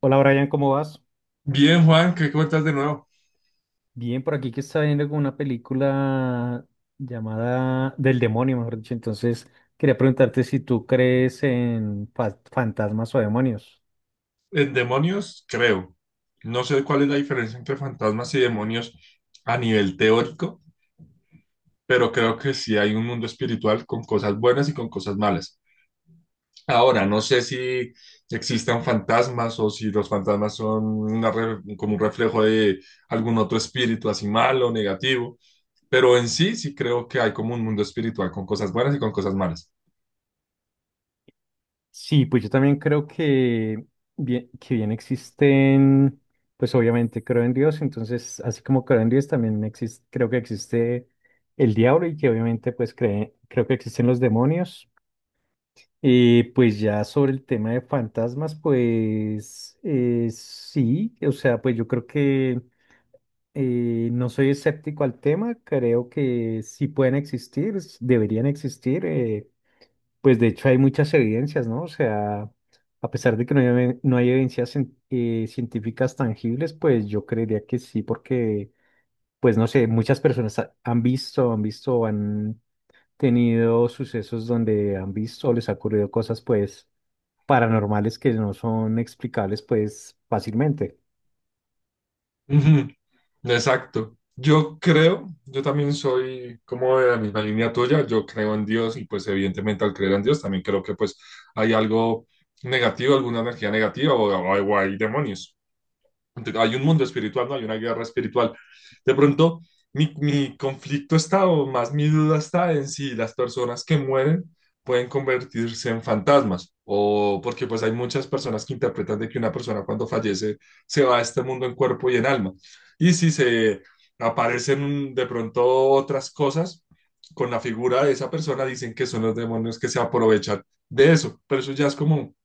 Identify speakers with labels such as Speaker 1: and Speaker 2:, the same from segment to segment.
Speaker 1: Hola Brian, ¿cómo vas?
Speaker 2: Bien, Juan, ¿qué cuentas de nuevo?
Speaker 1: Bien, por aquí que está viendo como una película llamada Del Demonio, mejor dicho. Entonces, quería preguntarte si tú crees en fantasmas o demonios.
Speaker 2: En demonios, creo. No sé cuál es la diferencia entre fantasmas y demonios a nivel teórico, pero creo que sí hay un mundo espiritual con cosas buenas y con cosas malas. Ahora, no sé si existan fantasmas o si los fantasmas son como un reflejo de algún otro espíritu así malo o negativo, pero en sí sí creo que hay como un mundo espiritual con cosas buenas y con cosas malas.
Speaker 1: Sí, pues yo también creo que bien existen, pues obviamente creo en Dios, entonces así como creo en Dios también existe, creo que existe el diablo y que obviamente pues creo que existen los demonios. Pues ya sobre el tema de fantasmas, pues sí, o sea, pues yo creo que no soy escéptico al tema, creo que sí pueden existir, deberían existir, pues de hecho hay muchas evidencias, ¿no? O sea, a pesar de que no hay evidencias científicas tangibles, pues yo creería que sí, porque, pues no sé, muchas personas han tenido sucesos donde han visto, les ha ocurrido cosas, pues paranormales que no son explicables pues fácilmente.
Speaker 2: Exacto. Yo creo, yo también soy como de la misma línea tuya, yo creo en Dios y pues evidentemente al creer en Dios también creo que pues hay algo negativo, alguna energía negativa o, o hay demonios. Entonces, hay un mundo espiritual, ¿no? Hay una guerra espiritual. De pronto, mi conflicto está, o más mi duda está en si las personas que mueren pueden convertirse en fantasmas, o porque pues hay muchas personas que interpretan de que una persona cuando fallece se va a este mundo en cuerpo y en alma. Y si se aparecen de pronto otras cosas con la figura de esa persona, dicen que son los demonios que se aprovechan de eso, pero eso ya es como un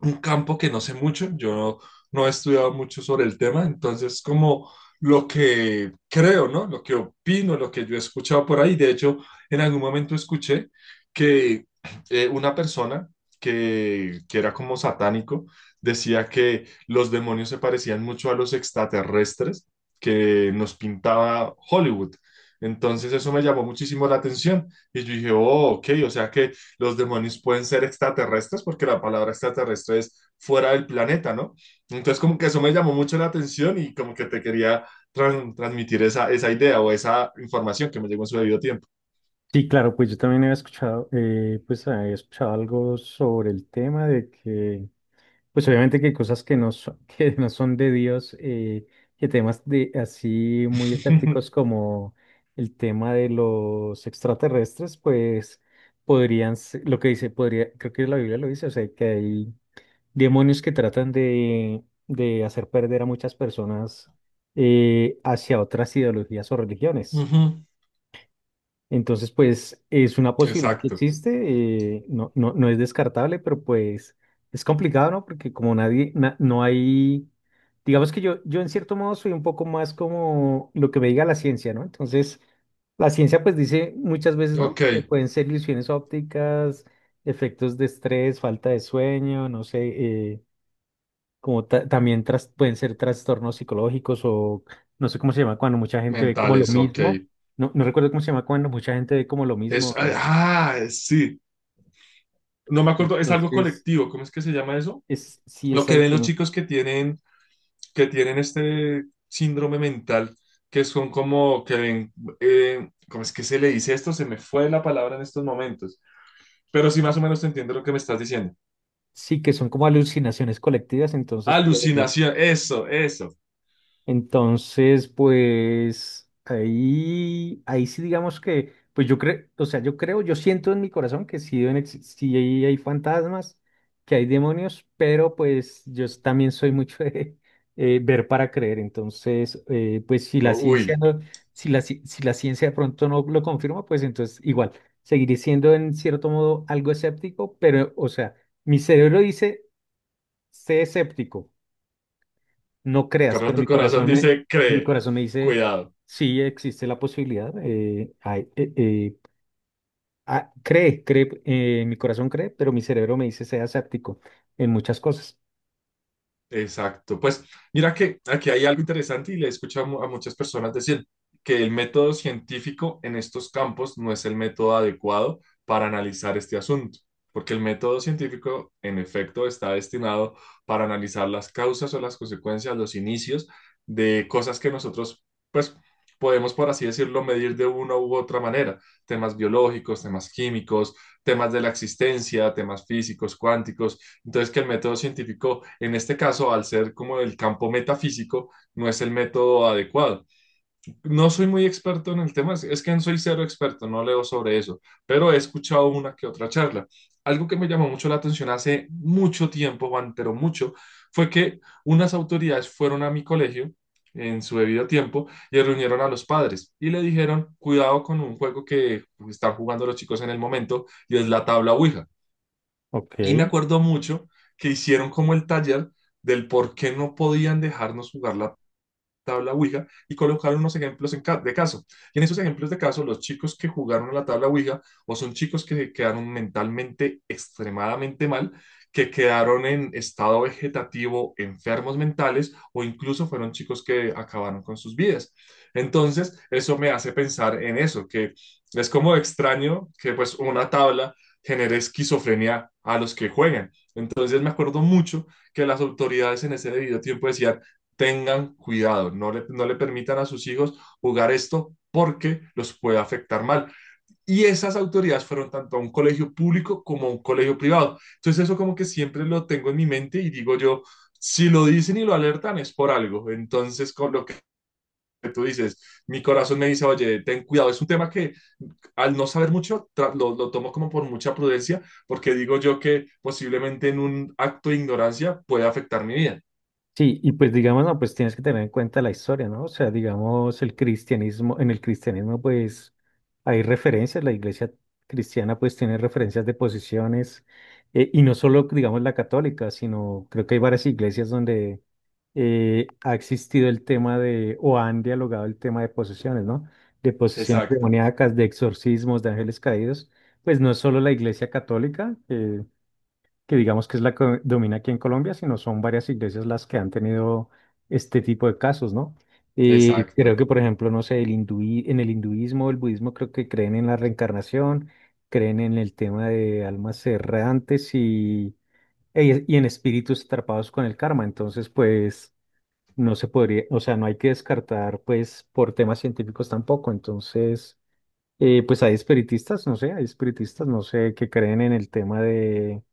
Speaker 2: un campo que no sé mucho, yo no he estudiado mucho sobre el tema, entonces como lo que creo, ¿no? Lo que opino, lo que yo he escuchado por ahí, de hecho, en algún momento escuché que una persona que era como satánico decía que los demonios se parecían mucho a los extraterrestres que nos pintaba Hollywood. Entonces eso me llamó muchísimo la atención y yo dije, oh, ok, o sea que los demonios pueden ser extraterrestres, porque la palabra extraterrestre es fuera del planeta, ¿no? Entonces, como que eso me llamó mucho la atención y como que te quería transmitir esa, esa idea o esa información que me llegó en su debido tiempo.
Speaker 1: Sí, claro, pues yo también pues había escuchado algo sobre el tema de que, pues obviamente que hay cosas que no son, que no son de Dios, que temas de así muy escépticos como el tema de los extraterrestres, pues podrían, lo que dice, podría, creo que la Biblia lo dice, o sea, que hay demonios que tratan de hacer perder a muchas personas hacia otras ideologías o religiones.
Speaker 2: Ujú.
Speaker 1: Entonces, pues es una posibilidad que
Speaker 2: Exacto.
Speaker 1: existe, no, no, no es descartable, pero pues es complicado, ¿no? Porque como nadie, no hay, digamos que yo en cierto modo soy un poco más como lo que me diga la ciencia, ¿no? Entonces, la ciencia pues dice muchas veces, ¿no?
Speaker 2: Ok,
Speaker 1: Pueden ser ilusiones ópticas, efectos de estrés, falta de sueño, no sé. eh, como también pueden ser trastornos psicológicos o no sé cómo se llama cuando mucha gente ve como lo
Speaker 2: mentales, ok.
Speaker 1: mismo. No, no recuerdo cómo se llama cuando mucha gente ve como lo
Speaker 2: Es,
Speaker 1: mismo.
Speaker 2: ah, sí. No me acuerdo, es algo
Speaker 1: Entonces,
Speaker 2: colectivo, ¿cómo es que se llama eso?
Speaker 1: es, sí,
Speaker 2: Lo que ven
Speaker 1: exacto.
Speaker 2: los
Speaker 1: ¿no?
Speaker 2: chicos que tienen este síndrome mental, que son como que ven, ¿cómo es que se le dice esto? Se me fue la palabra en estos momentos, pero sí más o menos te entiendo lo que me estás diciendo.
Speaker 1: Sí, que son como alucinaciones colectivas, entonces puede,
Speaker 2: Alucinación, eso, eso.
Speaker 1: entonces, pues ahí sí digamos que, pues yo creo, o sea, yo creo, yo siento en mi corazón que sí, deben sí hay fantasmas, que hay demonios, pero pues yo también soy mucho de ver para creer. Entonces, pues si
Speaker 2: O,
Speaker 1: la ciencia
Speaker 2: uy,
Speaker 1: no, si la ciencia de pronto no lo confirma, pues entonces igual, seguiré siendo en cierto modo algo escéptico, pero, o sea, mi cerebro dice, sé escéptico, no creas,
Speaker 2: pero
Speaker 1: pero
Speaker 2: tu
Speaker 1: mi
Speaker 2: corazón
Speaker 1: corazón me,
Speaker 2: dice,
Speaker 1: mi
Speaker 2: cree,
Speaker 1: corazón me dice,
Speaker 2: cuidado.
Speaker 1: sí existe la posibilidad. Ah, mi corazón cree, pero mi cerebro me dice, sea escéptico en muchas cosas.
Speaker 2: Exacto. Pues mira que aquí hay algo interesante y le he escuchado a a muchas personas decir que el método científico en estos campos no es el método adecuado para analizar este asunto, porque el método científico en efecto está destinado para analizar las causas o las consecuencias, los inicios de cosas que nosotros pues podemos, por así decirlo, medir de una u otra manera, temas biológicos, temas químicos, temas de la existencia, temas físicos, cuánticos. Entonces, que el método científico, en este caso, al ser como el campo metafísico, no es el método adecuado. No soy muy experto en el tema, es que no soy cero experto, no leo sobre eso, pero he escuchado una que otra charla. Algo que me llamó mucho la atención hace mucho tiempo, Juan, pero mucho, fue que unas autoridades fueron a mi colegio en su debido tiempo y reunieron a los padres y le dijeron, cuidado con un juego que están jugando los chicos en el momento y es la tabla Ouija.
Speaker 1: Ok.
Speaker 2: Y me acuerdo mucho que hicieron como el taller del por qué no podían dejarnos jugar la tabla Ouija y colocar unos ejemplos de caso. Y en esos ejemplos de caso, los chicos que jugaron a la tabla Ouija o son chicos que quedaron mentalmente extremadamente mal, que quedaron en estado vegetativo, enfermos mentales o incluso fueron chicos que acabaron con sus vidas. Entonces, eso me hace pensar en eso, que es como extraño que pues una tabla genere esquizofrenia a los que juegan. Entonces me acuerdo mucho que las autoridades en ese debido tiempo decían, tengan cuidado, no le permitan a sus hijos jugar esto porque los puede afectar mal. Y esas autoridades fueron tanto a un colegio público como a un colegio privado. Entonces eso como que siempre lo tengo en mi mente y digo yo, si lo dicen y lo alertan es por algo. Entonces con lo que tú dices, mi corazón me dice, oye, ten cuidado. Es un tema que al no saber mucho lo tomo como por mucha prudencia porque digo yo que posiblemente en un acto de ignorancia puede afectar mi vida.
Speaker 1: Sí, y pues digamos, no, pues tienes que tener en cuenta la historia, ¿no? O sea, digamos, el cristianismo, en el cristianismo pues hay referencias, la iglesia cristiana pues tiene referencias de posiciones, y no solo, digamos, la católica, sino creo que hay varias iglesias donde ha existido el tema de, o han dialogado el tema de posesiones, ¿no? De posesiones
Speaker 2: Exacto,
Speaker 1: demoníacas, de exorcismos, de ángeles caídos, pues no es solo la iglesia católica, que digamos que es la que domina aquí en Colombia, sino son varias iglesias las que han tenido este tipo de casos, ¿no? Creo
Speaker 2: exacto.
Speaker 1: que, por ejemplo, no sé, el en el hinduismo, el budismo, creo que creen en la reencarnación, creen en el tema de almas errantes y en espíritus atrapados con el karma. Entonces, pues, no se podría, o sea, no hay que descartar, pues, por temas científicos tampoco. Entonces, pues hay espiritistas, no sé, hay espiritistas, no sé, que creen en el tema de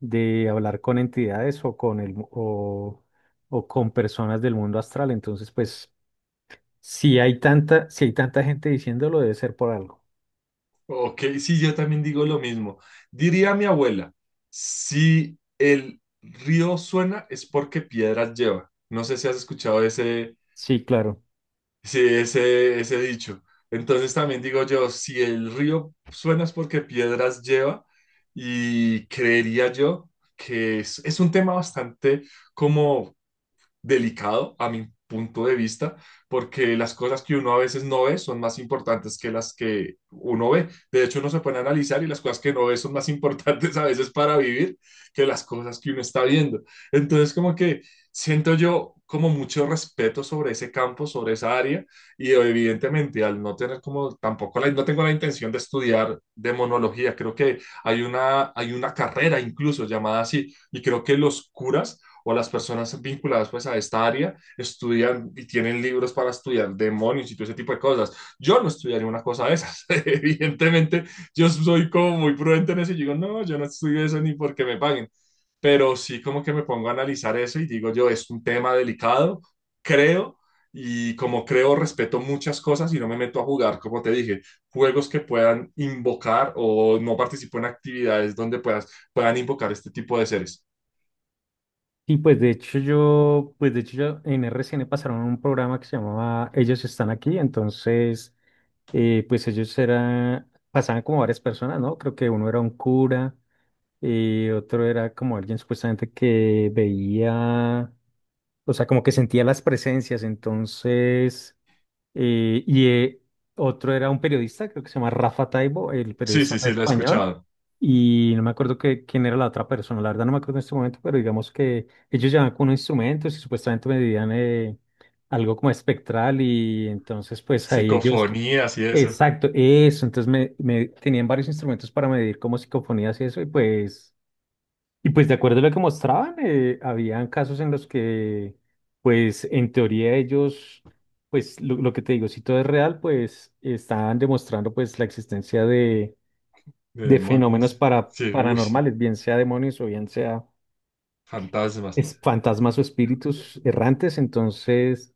Speaker 1: de hablar con entidades o o con personas del mundo astral. Entonces, pues, si hay tanta gente diciéndolo, debe ser por algo.
Speaker 2: Ok, sí, yo también digo lo mismo. Diría mi abuela, si el río suena es porque piedras lleva. No sé si has escuchado ese,
Speaker 1: Sí, claro.
Speaker 2: sí, ese dicho. Entonces también digo yo, si el río suena es porque piedras lleva y creería yo que es un tema bastante como delicado a mi punto de vista, porque las cosas que uno a veces no ve son más importantes que las que uno ve. De hecho, uno se pone a analizar y las cosas que no ve son más importantes a veces para vivir que las cosas que uno está viendo. Entonces, como que siento yo como mucho respeto sobre ese campo, sobre esa área, y evidentemente al no tener como tampoco la, no tengo la intención de estudiar demonología, creo que hay una carrera incluso llamada así, y creo que los curas o las personas vinculadas pues a esta área estudian y tienen libros para estudiar demonios y todo ese tipo de cosas. Yo no estudiaría una cosa de esas. Evidentemente, yo soy como muy prudente en eso y digo, no, yo no estudio eso ni porque me paguen. Pero sí como que me pongo a analizar eso y digo yo, es un tema delicado, creo, y como creo, respeto muchas cosas y no me meto a jugar, como te dije, juegos que puedan invocar o no participo en actividades donde puedan invocar este tipo de seres.
Speaker 1: Y pues de hecho yo en RCN pasaron un programa que se llamaba Ellos están aquí. Entonces pues ellos eran, pasaban como varias personas, ¿no? Creo que uno era un cura, otro era como alguien supuestamente que veía, o sea, como que sentía las presencias. Entonces y otro era un periodista, creo que se llama Rafa Taibo, el
Speaker 2: Sí,
Speaker 1: periodista
Speaker 2: sí, sí, lo he
Speaker 1: español.
Speaker 2: escuchado.
Speaker 1: Y no me acuerdo que, quién era la otra persona, la verdad no me acuerdo en este momento, pero digamos que ellos llevaban con unos instrumentos y supuestamente medían algo como espectral y entonces pues ahí ellos.
Speaker 2: Psicofonías y eso,
Speaker 1: Exacto, eso. Entonces tenían varios instrumentos para medir como psicofonías y eso, y pues de acuerdo a lo que mostraban, habían casos en los que, pues en teoría ellos, pues lo que te digo, si todo es real, pues estaban demostrando pues la existencia de,
Speaker 2: de
Speaker 1: de fenómenos
Speaker 2: demonios. Sí, uy, sí,
Speaker 1: paranormales, bien sea demonios o bien sea
Speaker 2: fantasmas.
Speaker 1: fantasmas o espíritus errantes. Entonces,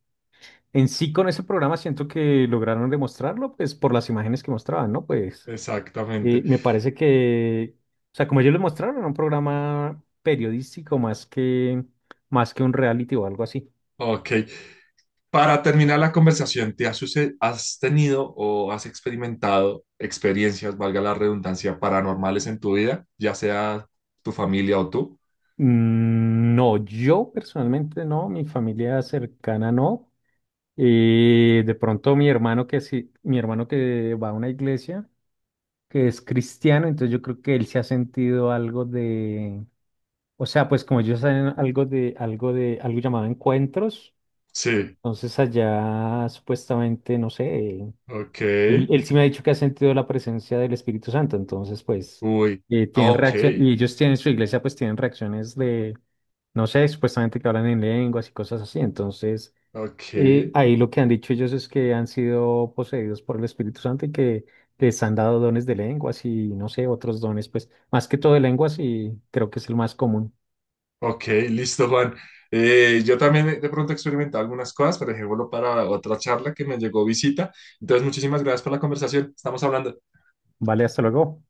Speaker 1: en sí con ese programa siento que lograron demostrarlo, pues por las imágenes que mostraban, ¿no? Pues
Speaker 2: Exactamente.
Speaker 1: me parece que, o sea, como ellos lo mostraron, era un programa periodístico más que un reality o algo así.
Speaker 2: Ok. Para terminar la conversación, ¿te has, has tenido o has experimentado experiencias, valga la redundancia, paranormales en tu vida, ya sea tu familia o tú?
Speaker 1: No, yo personalmente no, mi familia cercana no. De pronto mi hermano que sí, mi hermano que va a una iglesia, que es cristiano, entonces yo creo que él se ha sentido algo de, o sea, pues como ellos saben algo llamado encuentros,
Speaker 2: Sí.
Speaker 1: entonces allá supuestamente, no sé.
Speaker 2: Ok.
Speaker 1: Él sí me ha dicho que ha sentido la presencia del Espíritu Santo, entonces pues
Speaker 2: Uy. Ah,
Speaker 1: tienen, Ok,
Speaker 2: ok.
Speaker 1: reacción, y ellos tienen su iglesia, pues tienen reacciones de, no sé, supuestamente que hablan en lenguas y cosas así, entonces
Speaker 2: Ok.
Speaker 1: ahí lo que han dicho ellos es que han sido poseídos por el Espíritu Santo y que les han dado dones de lenguas y no sé, otros dones, pues más que todo de lenguas y creo que es el más común.
Speaker 2: Ok, listo, Juan. Yo también de pronto he experimentado algunas cosas, pero dejémoslo para otra charla que me llegó visita. Entonces, muchísimas gracias por la conversación. Estamos hablando.
Speaker 1: Vale, hasta luego.